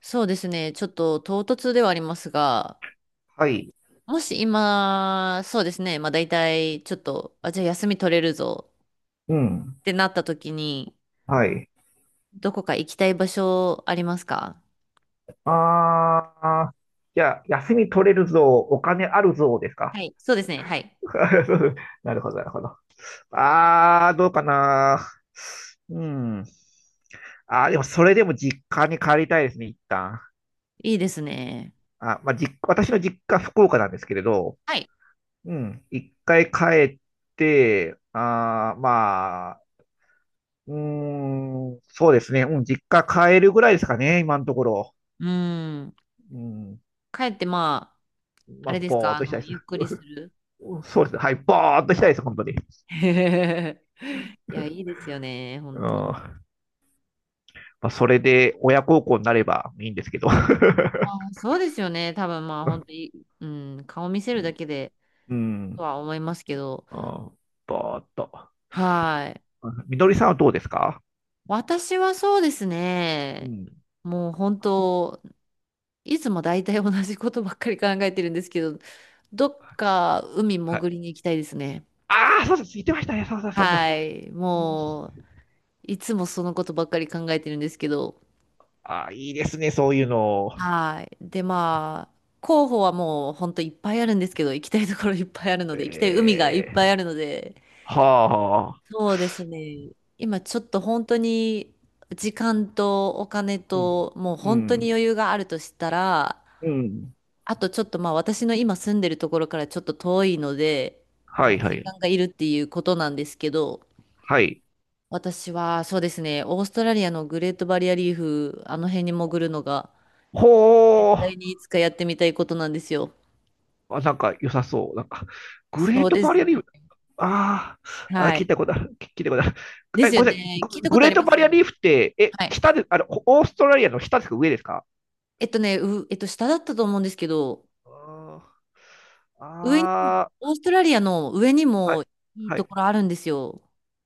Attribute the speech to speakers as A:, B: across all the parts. A: そうですね。ちょっと唐突ではありますが、
B: はい。
A: もし今、そうですね。まあ大体、ちょっと、あ、じゃあ休み取れるぞ
B: うん。
A: ってなった時に、
B: はい。
A: どこか行きたい場所ありますか？
B: ああ、じゃあ、休み取れるぞ、お金あるぞですか？
A: はい。そうですね。はい。
B: なるほど、なるほど。ああ、どうかな。うん。あーでも、それでも実家に帰りたいですね、一旦。
A: いいですね。
B: あ、まあ、私の実家、福岡なんですけれど、
A: はい。
B: うん。一回帰って、ああ、まあ、うーん、そうですね。うん、実家帰るぐらいですかね、今のところ。
A: うーん。
B: うん。
A: 帰って、まあ、あ
B: まあ、
A: れです
B: ぼ
A: か、
B: ーっとしたいです。
A: ゆっくりする？
B: そうですね。はい。バーっとしたいです、本当に。
A: いや、いいですよね。
B: う
A: 本
B: ん。
A: 当。
B: まあ、それで親孝行になればいいんですけど。
A: ま あ、そうですよね。多分、まあ、本当に、うん、顔見せ
B: う
A: るだ
B: ん
A: けで、
B: う
A: と
B: ん。
A: は思いますけど、
B: あーバーっと。
A: はい。
B: みのりさんはどうですか？
A: 私はそうです
B: う
A: ね。
B: ん。
A: もう本当、いつも大体同じことばっかり考えてるんですけど、どっか海
B: はい。
A: 潜りに行きたいですね。
B: ああ、そうです。言ってましたね。そうそうそうそう。
A: はい。
B: うん。
A: もう、いつもそのことばっかり考えてるんですけど。
B: ああ、いいですね、そういうの。
A: はい。で、まあ、候補はもう本当いっぱいあるんですけど、行きたいところいっぱいあるので、行きたい海がいっ
B: え
A: ぱい
B: え。
A: あるので、
B: はあ、はあ。
A: そうですね。今ちょっと本当に時間とお金
B: うん。
A: と、もう
B: う
A: 本当に
B: ん。
A: 余裕があるとしたら、
B: うん。
A: あとちょっとまあ私の今住んでるところからちょっと遠いので、
B: は
A: まあ、
B: いは
A: 時
B: い。
A: 間がいるっていうことなんですけど、
B: はい。
A: 私はそうですね、オーストラリアのグレートバリアリーフ、あの辺に潜るのが
B: ほ
A: 絶対
B: ー。
A: にいつかやってみたいことなんですよ。
B: あ、なんか良さそう。なんか、グレ
A: そ
B: ー
A: う
B: ト
A: で
B: バ
A: す
B: リアリーフ、
A: ね。
B: ああ、あ、
A: は
B: 聞い
A: い。
B: たことある。聞いたことある。
A: で
B: え、
A: すよ
B: ごめんなさい。
A: ね。聞い
B: グ
A: たこ
B: グ
A: と
B: レ
A: あ
B: ー
A: り
B: ト
A: ま
B: バ
A: す
B: リ
A: よ
B: アリー
A: ね。
B: フって、え、
A: はい。
B: 下で、あの、オーストラリアの下ですか、上ですか？
A: えっとね、う、えっと下だったと思うんですけど、
B: あー
A: 上にも、
B: あ
A: オーストラリアの上に
B: ー、は
A: も
B: い、
A: いい
B: は
A: と
B: い。
A: ころあるんですよ。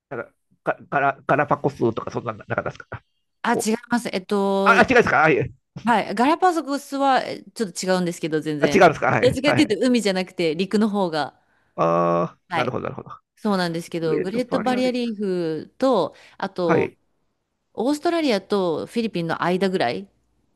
B: なんか、ガラパコスとか、そんな、なかったですか？
A: あ、違
B: お、
A: います。
B: あ、あ違うんですか、はい。
A: はい。ガラパゴスはちょっと違うんですけど、全
B: あ、違
A: 然。
B: うんですか、は
A: どっ
B: い、
A: ちかっ
B: は
A: ていうと、
B: い。
A: 海じゃなくて陸の方が。
B: ああ、
A: は
B: なる
A: い。
B: ほど、なるほど。
A: そうなんですけ
B: グ
A: ど、
B: レー
A: グ
B: ト
A: レート
B: バリ
A: バ
B: ア
A: リ
B: リ
A: ア
B: ーフ。
A: リーフと、あ
B: は
A: と、
B: い、
A: オーストラリアとフィリピンの間ぐらい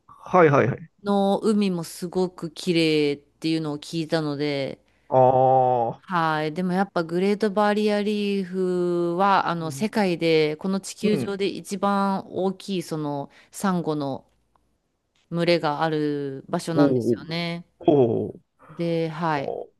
B: はい、はい、はい。
A: の海もすごく綺麗っていうのを聞いたので、
B: ああ、
A: はい。でもやっぱグレートバリアリーフは、
B: うん、
A: 世界で、この地
B: う
A: 球上
B: ん。
A: で一番大きい、サンゴの群れがある場所
B: お
A: なんです
B: ー、
A: よね。
B: おー、おー。
A: で、はい。
B: おー、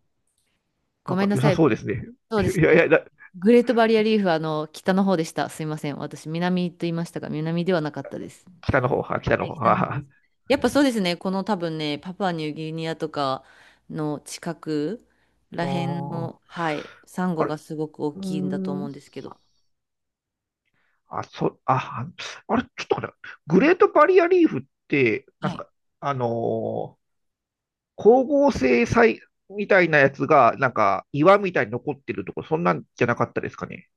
B: な
A: ご
B: ん
A: め
B: か
A: んな
B: 良
A: さ
B: さ
A: い。
B: そうですね。
A: そうです
B: いや
A: ね。
B: いや、
A: グレートバリアリーフは北の方でした。すいません。私、南と言いましたが、南ではなかったです。
B: 北の方は、北
A: は
B: の
A: い、
B: 方
A: 北の方で
B: は。
A: す。やっぱそうですね。この多分ね、パプアニューギニアとかの近く
B: う
A: ら
B: ー
A: へん
B: ん。
A: の、はい、サン
B: あ
A: ゴ
B: れ。
A: がすごく大
B: うー
A: きいんだと思う
B: ん。
A: んですけど。
B: あれ、ちょっと待って、グレートバリアリーフって、な
A: は
B: ん
A: い。
B: か、あのー光合成みたいなやつが、なんか、岩みたいに残ってるとこ、そんなんじゃなかったですかね。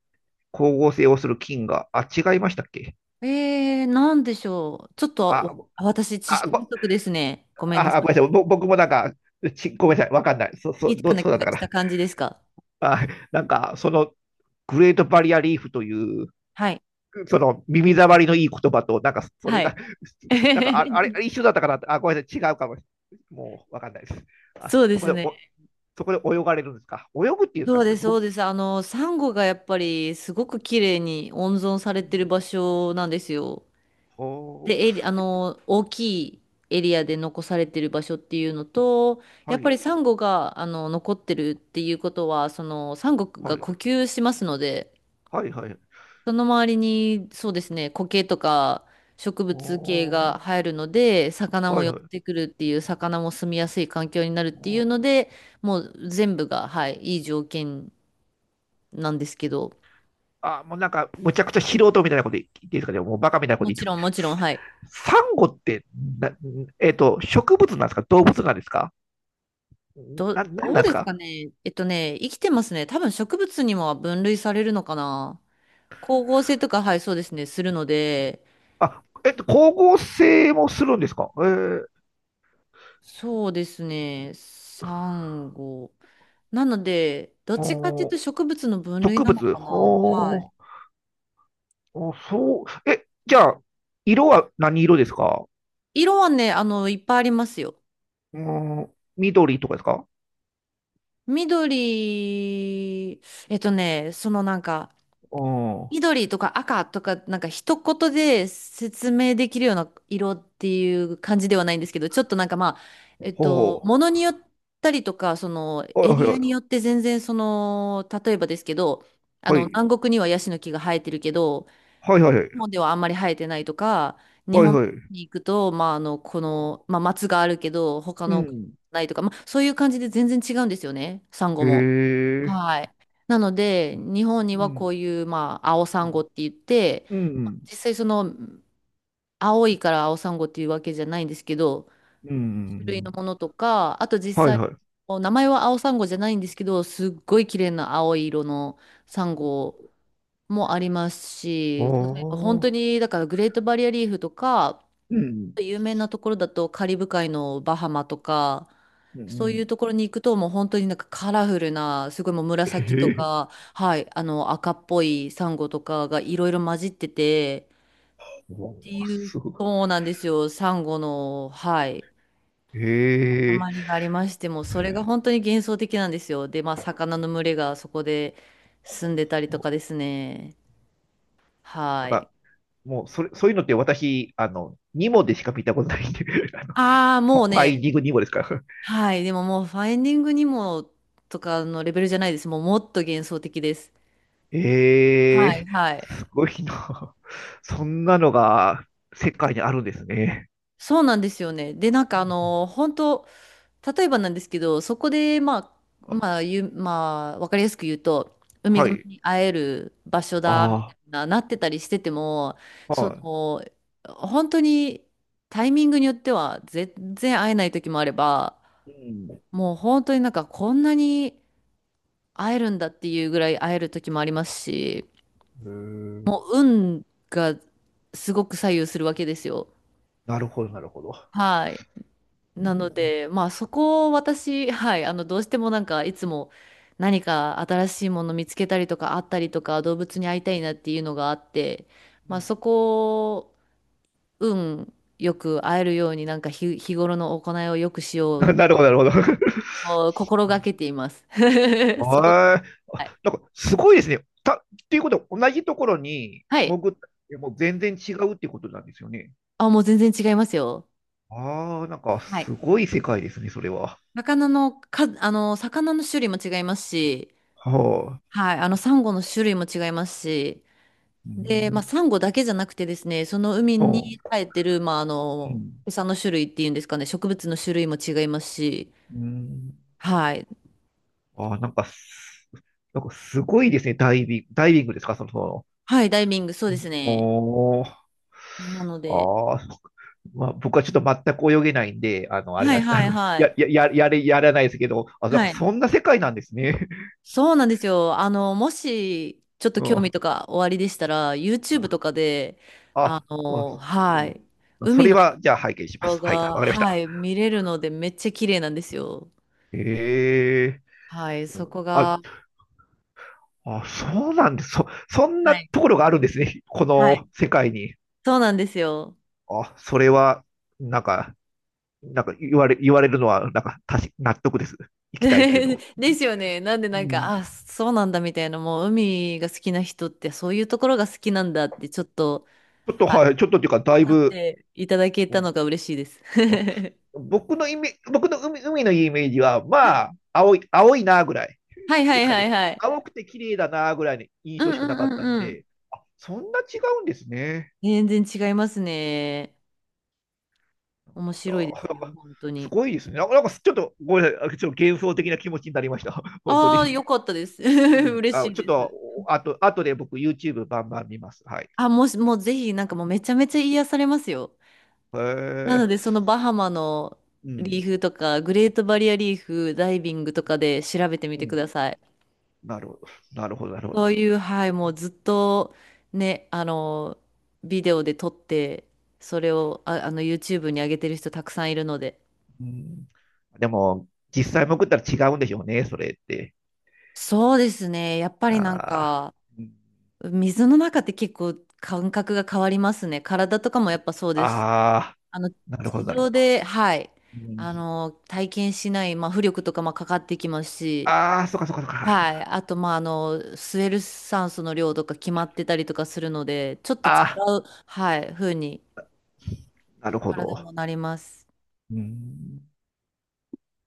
B: 光合成をする菌が。あ、違いましたっけ？
A: なんでしょう。ちょっ
B: あ、
A: と
B: あ、
A: 私、知識
B: ご、
A: 不
B: あ、
A: 足ですね。ごめんなさ
B: あごめんなさい。僕もなんか、ごめんなさい。わかんない。
A: い。聞いたような
B: そうだ
A: 気
B: っ
A: が
B: たか
A: し
B: な。
A: た感じですか。
B: あ、なんか、その、グレートバリアリーフという、
A: はい。
B: その耳障りのいい言葉と、なんかそれ
A: は
B: が、
A: い。
B: なんかああれあ れ一緒だったかなあ、ごめんなさい、違うかもしれない。もうわかんないです。あ
A: そうで
B: そこ
A: す
B: で
A: ね。
B: お、そこで泳がれるんですか、泳ぐっていうんです
A: そ
B: か
A: う
B: ね、そ
A: で
B: れ
A: す、そう
B: 僕、
A: です。サンゴがやっぱりすごく綺麗に温存されてる場所なんですよ。
B: ほう。
A: で、エリ、あの、大きいエリアで残されてる場所っていうのと、や
B: は
A: っぱり
B: い、
A: サンゴが、残ってるっていうことは、サンゴ
B: は
A: が
B: い、
A: 呼吸しますので、
B: はい、はい。
A: その周りに、そうですね、苔とか植物系が
B: お。
A: 生えるので、魚も
B: はい、
A: 寄っ
B: はい。
A: てくるっていう、魚も住みやすい環境になるっていうの
B: お。
A: で、もう全部が、はい、いい条件なんですけど、
B: あ、もうなんか、むちゃくちゃ素人みたいなこと言っていいですかね、もうバカみたいなこと
A: も
B: 言っ
A: ち
B: て。
A: ろん、もちろん、はい。
B: サンゴってな、えっと、植物なんですか、動物なんですか？なん
A: ど
B: な
A: う
B: んで
A: で
B: す
A: すか
B: か？
A: ね。生きてますね。多分植物にも分類されるのかな。光合成とか、はい、そうですね、するので、
B: あ、えっと、光合成もするんですか？えー、
A: そうですね、サンゴ。なので、どっちかっていう
B: お
A: と
B: ー。
A: 植物の分類
B: 植
A: なの
B: 物。
A: かな。は
B: ほ
A: い。
B: ー、おそう。え、じゃあ、色は何色ですか？
A: 色はね、いっぱいありますよ。
B: うーん、緑とかですか？
A: 緑、なんか、
B: うん。
A: 緑とか赤とか、なんか一言で説明できるような色っていう感じではないんですけど、ちょっとなんかまあ、
B: ほ
A: ものによったりとか、その
B: う。はい
A: エ
B: はい
A: リア
B: は
A: によ
B: い。
A: って全然例えばですけど、南国にはヤシの木が生えてるけど、
B: はいはいはい。
A: 日本ではあんまり生えてないとか、日
B: はい
A: 本
B: はい。
A: に行くと、まあまあ松があるけど、他
B: う
A: の
B: ん。
A: ないとか、まあそういう感じで全然違うんですよね、サンゴ
B: へ
A: も。
B: え。
A: はい。なので、日本に
B: う
A: はこ
B: ん。
A: ういう、まあ、青サンゴって言って、
B: うん。
A: 実際青いから青サンゴっていうわけじゃないんですけど、
B: う
A: 種類の
B: ん。
A: ものとか、あと実
B: はい
A: 際、
B: はい。あ
A: もう名前は青サンゴじゃないんですけど、すっごい綺麗な青い色のサンゴもありますし、例えば本当
B: あ。
A: に、だからグレートバリアリーフとか、
B: うん。
A: 有名なところだとカリブ海のバハマとか、
B: う
A: そういう
B: ん。
A: ところに行くともう本当になんかカラフルな、すごいもう紫
B: へ
A: と
B: え。
A: か、はい、赤っぽいサンゴとかがいろいろ混じってて、
B: おー、
A: っていう、
B: すご
A: そうなんですよ、サンゴの、はい、
B: い。へえ。
A: 塊がありましても、それが本当に幻想的なんですよ。で、まあ魚の群れがそこで住んでたりとかですね。
B: だ
A: は
B: か
A: い。
B: ら、もう、それ、そういうのって私、あの、ニモでしか見たことないんで、あの、
A: ああ、もう
B: ファイン
A: ね、
B: ディングニモですから。
A: はい。でももう、ファインディングにもとかのレベルじゃないです。もう、もっと幻想的です。
B: え。
A: はい、
B: え
A: はい。
B: ー、すごいな。そんなのが世界にあるんですね。
A: そうなんですよね。で、なんか本当例えばなんですけど、そこで、まあ、
B: あ、
A: まあ、ゆ、まあ、わかりやすく言うと、ウミ
B: は
A: ガメ
B: い。
A: に会える場所だ、み
B: あ
A: たいな、なってたりしてても、
B: あ、
A: そ
B: は
A: の、本当にタイミングによっては、全然会えない時もあれば、
B: い。
A: もう本当になんかこんなに会えるんだっていうぐらい会える時もありますし、
B: うん。へ
A: も
B: え。
A: う運がすごく左右するわけですよ。
B: なるほど、なるほど。
A: はい。
B: う
A: なの
B: ん。
A: で、まあそこを私、はい、どうしてもなんかいつも何か新しいもの見つけたりとかあったりとか動物に会いたいなっていうのがあって、
B: う
A: まあ
B: ん。
A: そこを運よく会えるようになんか日頃の行いをよくしようと
B: なるほど、なるほど。
A: は心がけています。そこ、
B: はい。あ、
A: はい。
B: なんか、すごいですね。ていうことは、同じところに
A: はい。
B: 潜ったってもう全然違うってことなんですよね。
A: あ、もう全然違いますよ。
B: ああ、なんか
A: はい。
B: すごい世界ですね、それは。
A: 魚のか、あの、魚の種類も違いますし、
B: はあ。
A: はい、サンゴの種類も違いますし、
B: う
A: で、まあ、
B: ん。
A: サンゴだけじゃなくてですね、その海に
B: う
A: 生えてる、まあ、
B: ん。
A: 餌の種類っていうんですかね、植物の種類も違いますし、
B: うん。
A: はい。
B: ああ、なんかす、なんかすごいですね、ダイビング、ダイビングですか、その、その。
A: はい、ダイビング、そうですね。
B: おー。
A: なので、
B: ああ、まあ、僕はちょっと全く泳げないんで、あの、あれ
A: は
B: なん
A: い
B: です。あ
A: はい
B: の、
A: はい。
B: やらないですけど、あ、なんか
A: はい。
B: そんな世界なんですね。
A: そうなんですよ。もし、ちょっ と
B: う
A: 興味
B: ん。
A: とかおありでしたら、YouTube と
B: あ、
A: かで、
B: あ、う
A: は
B: ん。
A: い、
B: それは、じゃあ拝見しま
A: 動
B: す。
A: 画
B: はい、わ
A: が、
B: かりまし
A: は
B: た。
A: い、見れるので、めっちゃ綺麗なんですよ。
B: へえ。
A: はい、そこ
B: あ、
A: が、
B: あ、そうなんです。そんな
A: はい
B: ところがあるんですね、こ
A: は
B: の
A: い
B: 世界に。
A: そうなんですよ。
B: あ、それは、なんか、言われるのは、なんか、納得です。行きたいっていうの。
A: ですよね。なんで
B: う
A: なん
B: ん。
A: か、あ、そうなんだみたいな、もう海が好きな人ってそういうところが好きなんだってちょっと、
B: ちょっと、
A: はい、
B: はい、ちょっとっていうか、だ
A: 分
B: い
A: かっ
B: ぶ、
A: ていただけ
B: う
A: た
B: ん、
A: のが嬉しいです。
B: あ、 僕のイメ、僕の海、海のイメージは、
A: は
B: ま
A: い
B: あ、青い、青いなぐらい
A: はいは
B: で
A: い
B: すか
A: はい
B: ね。
A: はい。
B: 青くて綺麗だなぐらいの印
A: うん
B: 象し
A: う
B: かなか
A: ん
B: っ
A: う
B: たん
A: んうん。
B: で、そんな違うんですね。
A: 全然違いますね。面
B: あ
A: 白いで
B: ー、
A: す
B: なん
A: よ、
B: か
A: 本当
B: す
A: に。
B: ごいですね。なんか、なんかちょっとごめんなさい、ちょっと幻想的な気持ちになりました。本当に。
A: ああ、よかったです。
B: うん、
A: 嬉し
B: あ、
A: い
B: ちょっ
A: です。
B: と、あと、あとで僕 YouTube バンバン見ます。はい。
A: あ、もし、もうぜひ、なんかもうめちゃめちゃ癒されますよ。
B: へ
A: なの
B: え。
A: で、そのバハマの
B: う
A: リ
B: ん。
A: ーフとか、グレートバリアリーフ、ダイビングとかで調べてみ
B: う
A: てく
B: ん。
A: ださい。
B: なるほど。なるほど、なるほど。
A: そういう、はい、もうずっとね、ビデオで撮って、それを、YouTube に上げてる人たくさんいるので。
B: うん。でも、実際潜ったら違うんでしょうね、それって。
A: そうですね。やっぱりなん
B: ああ。
A: か、
B: うん。
A: 水の中って結構感覚が変わりますね。体とかもやっぱそうです。
B: ああ、
A: あの、
B: なるほど、
A: 地
B: なるほ
A: 上
B: ど。
A: で、はい、
B: うん、
A: 体験しない、まあ、浮力とかもかかってきますし、
B: ああ、そっかそっかそっ
A: はい。
B: か。
A: あと、まあ、スエル酸素の量とか決まってたりとかするので、ちょっと違
B: ああ、
A: う、はい、風に
B: なるほ
A: 体
B: ど。
A: もなります。
B: うん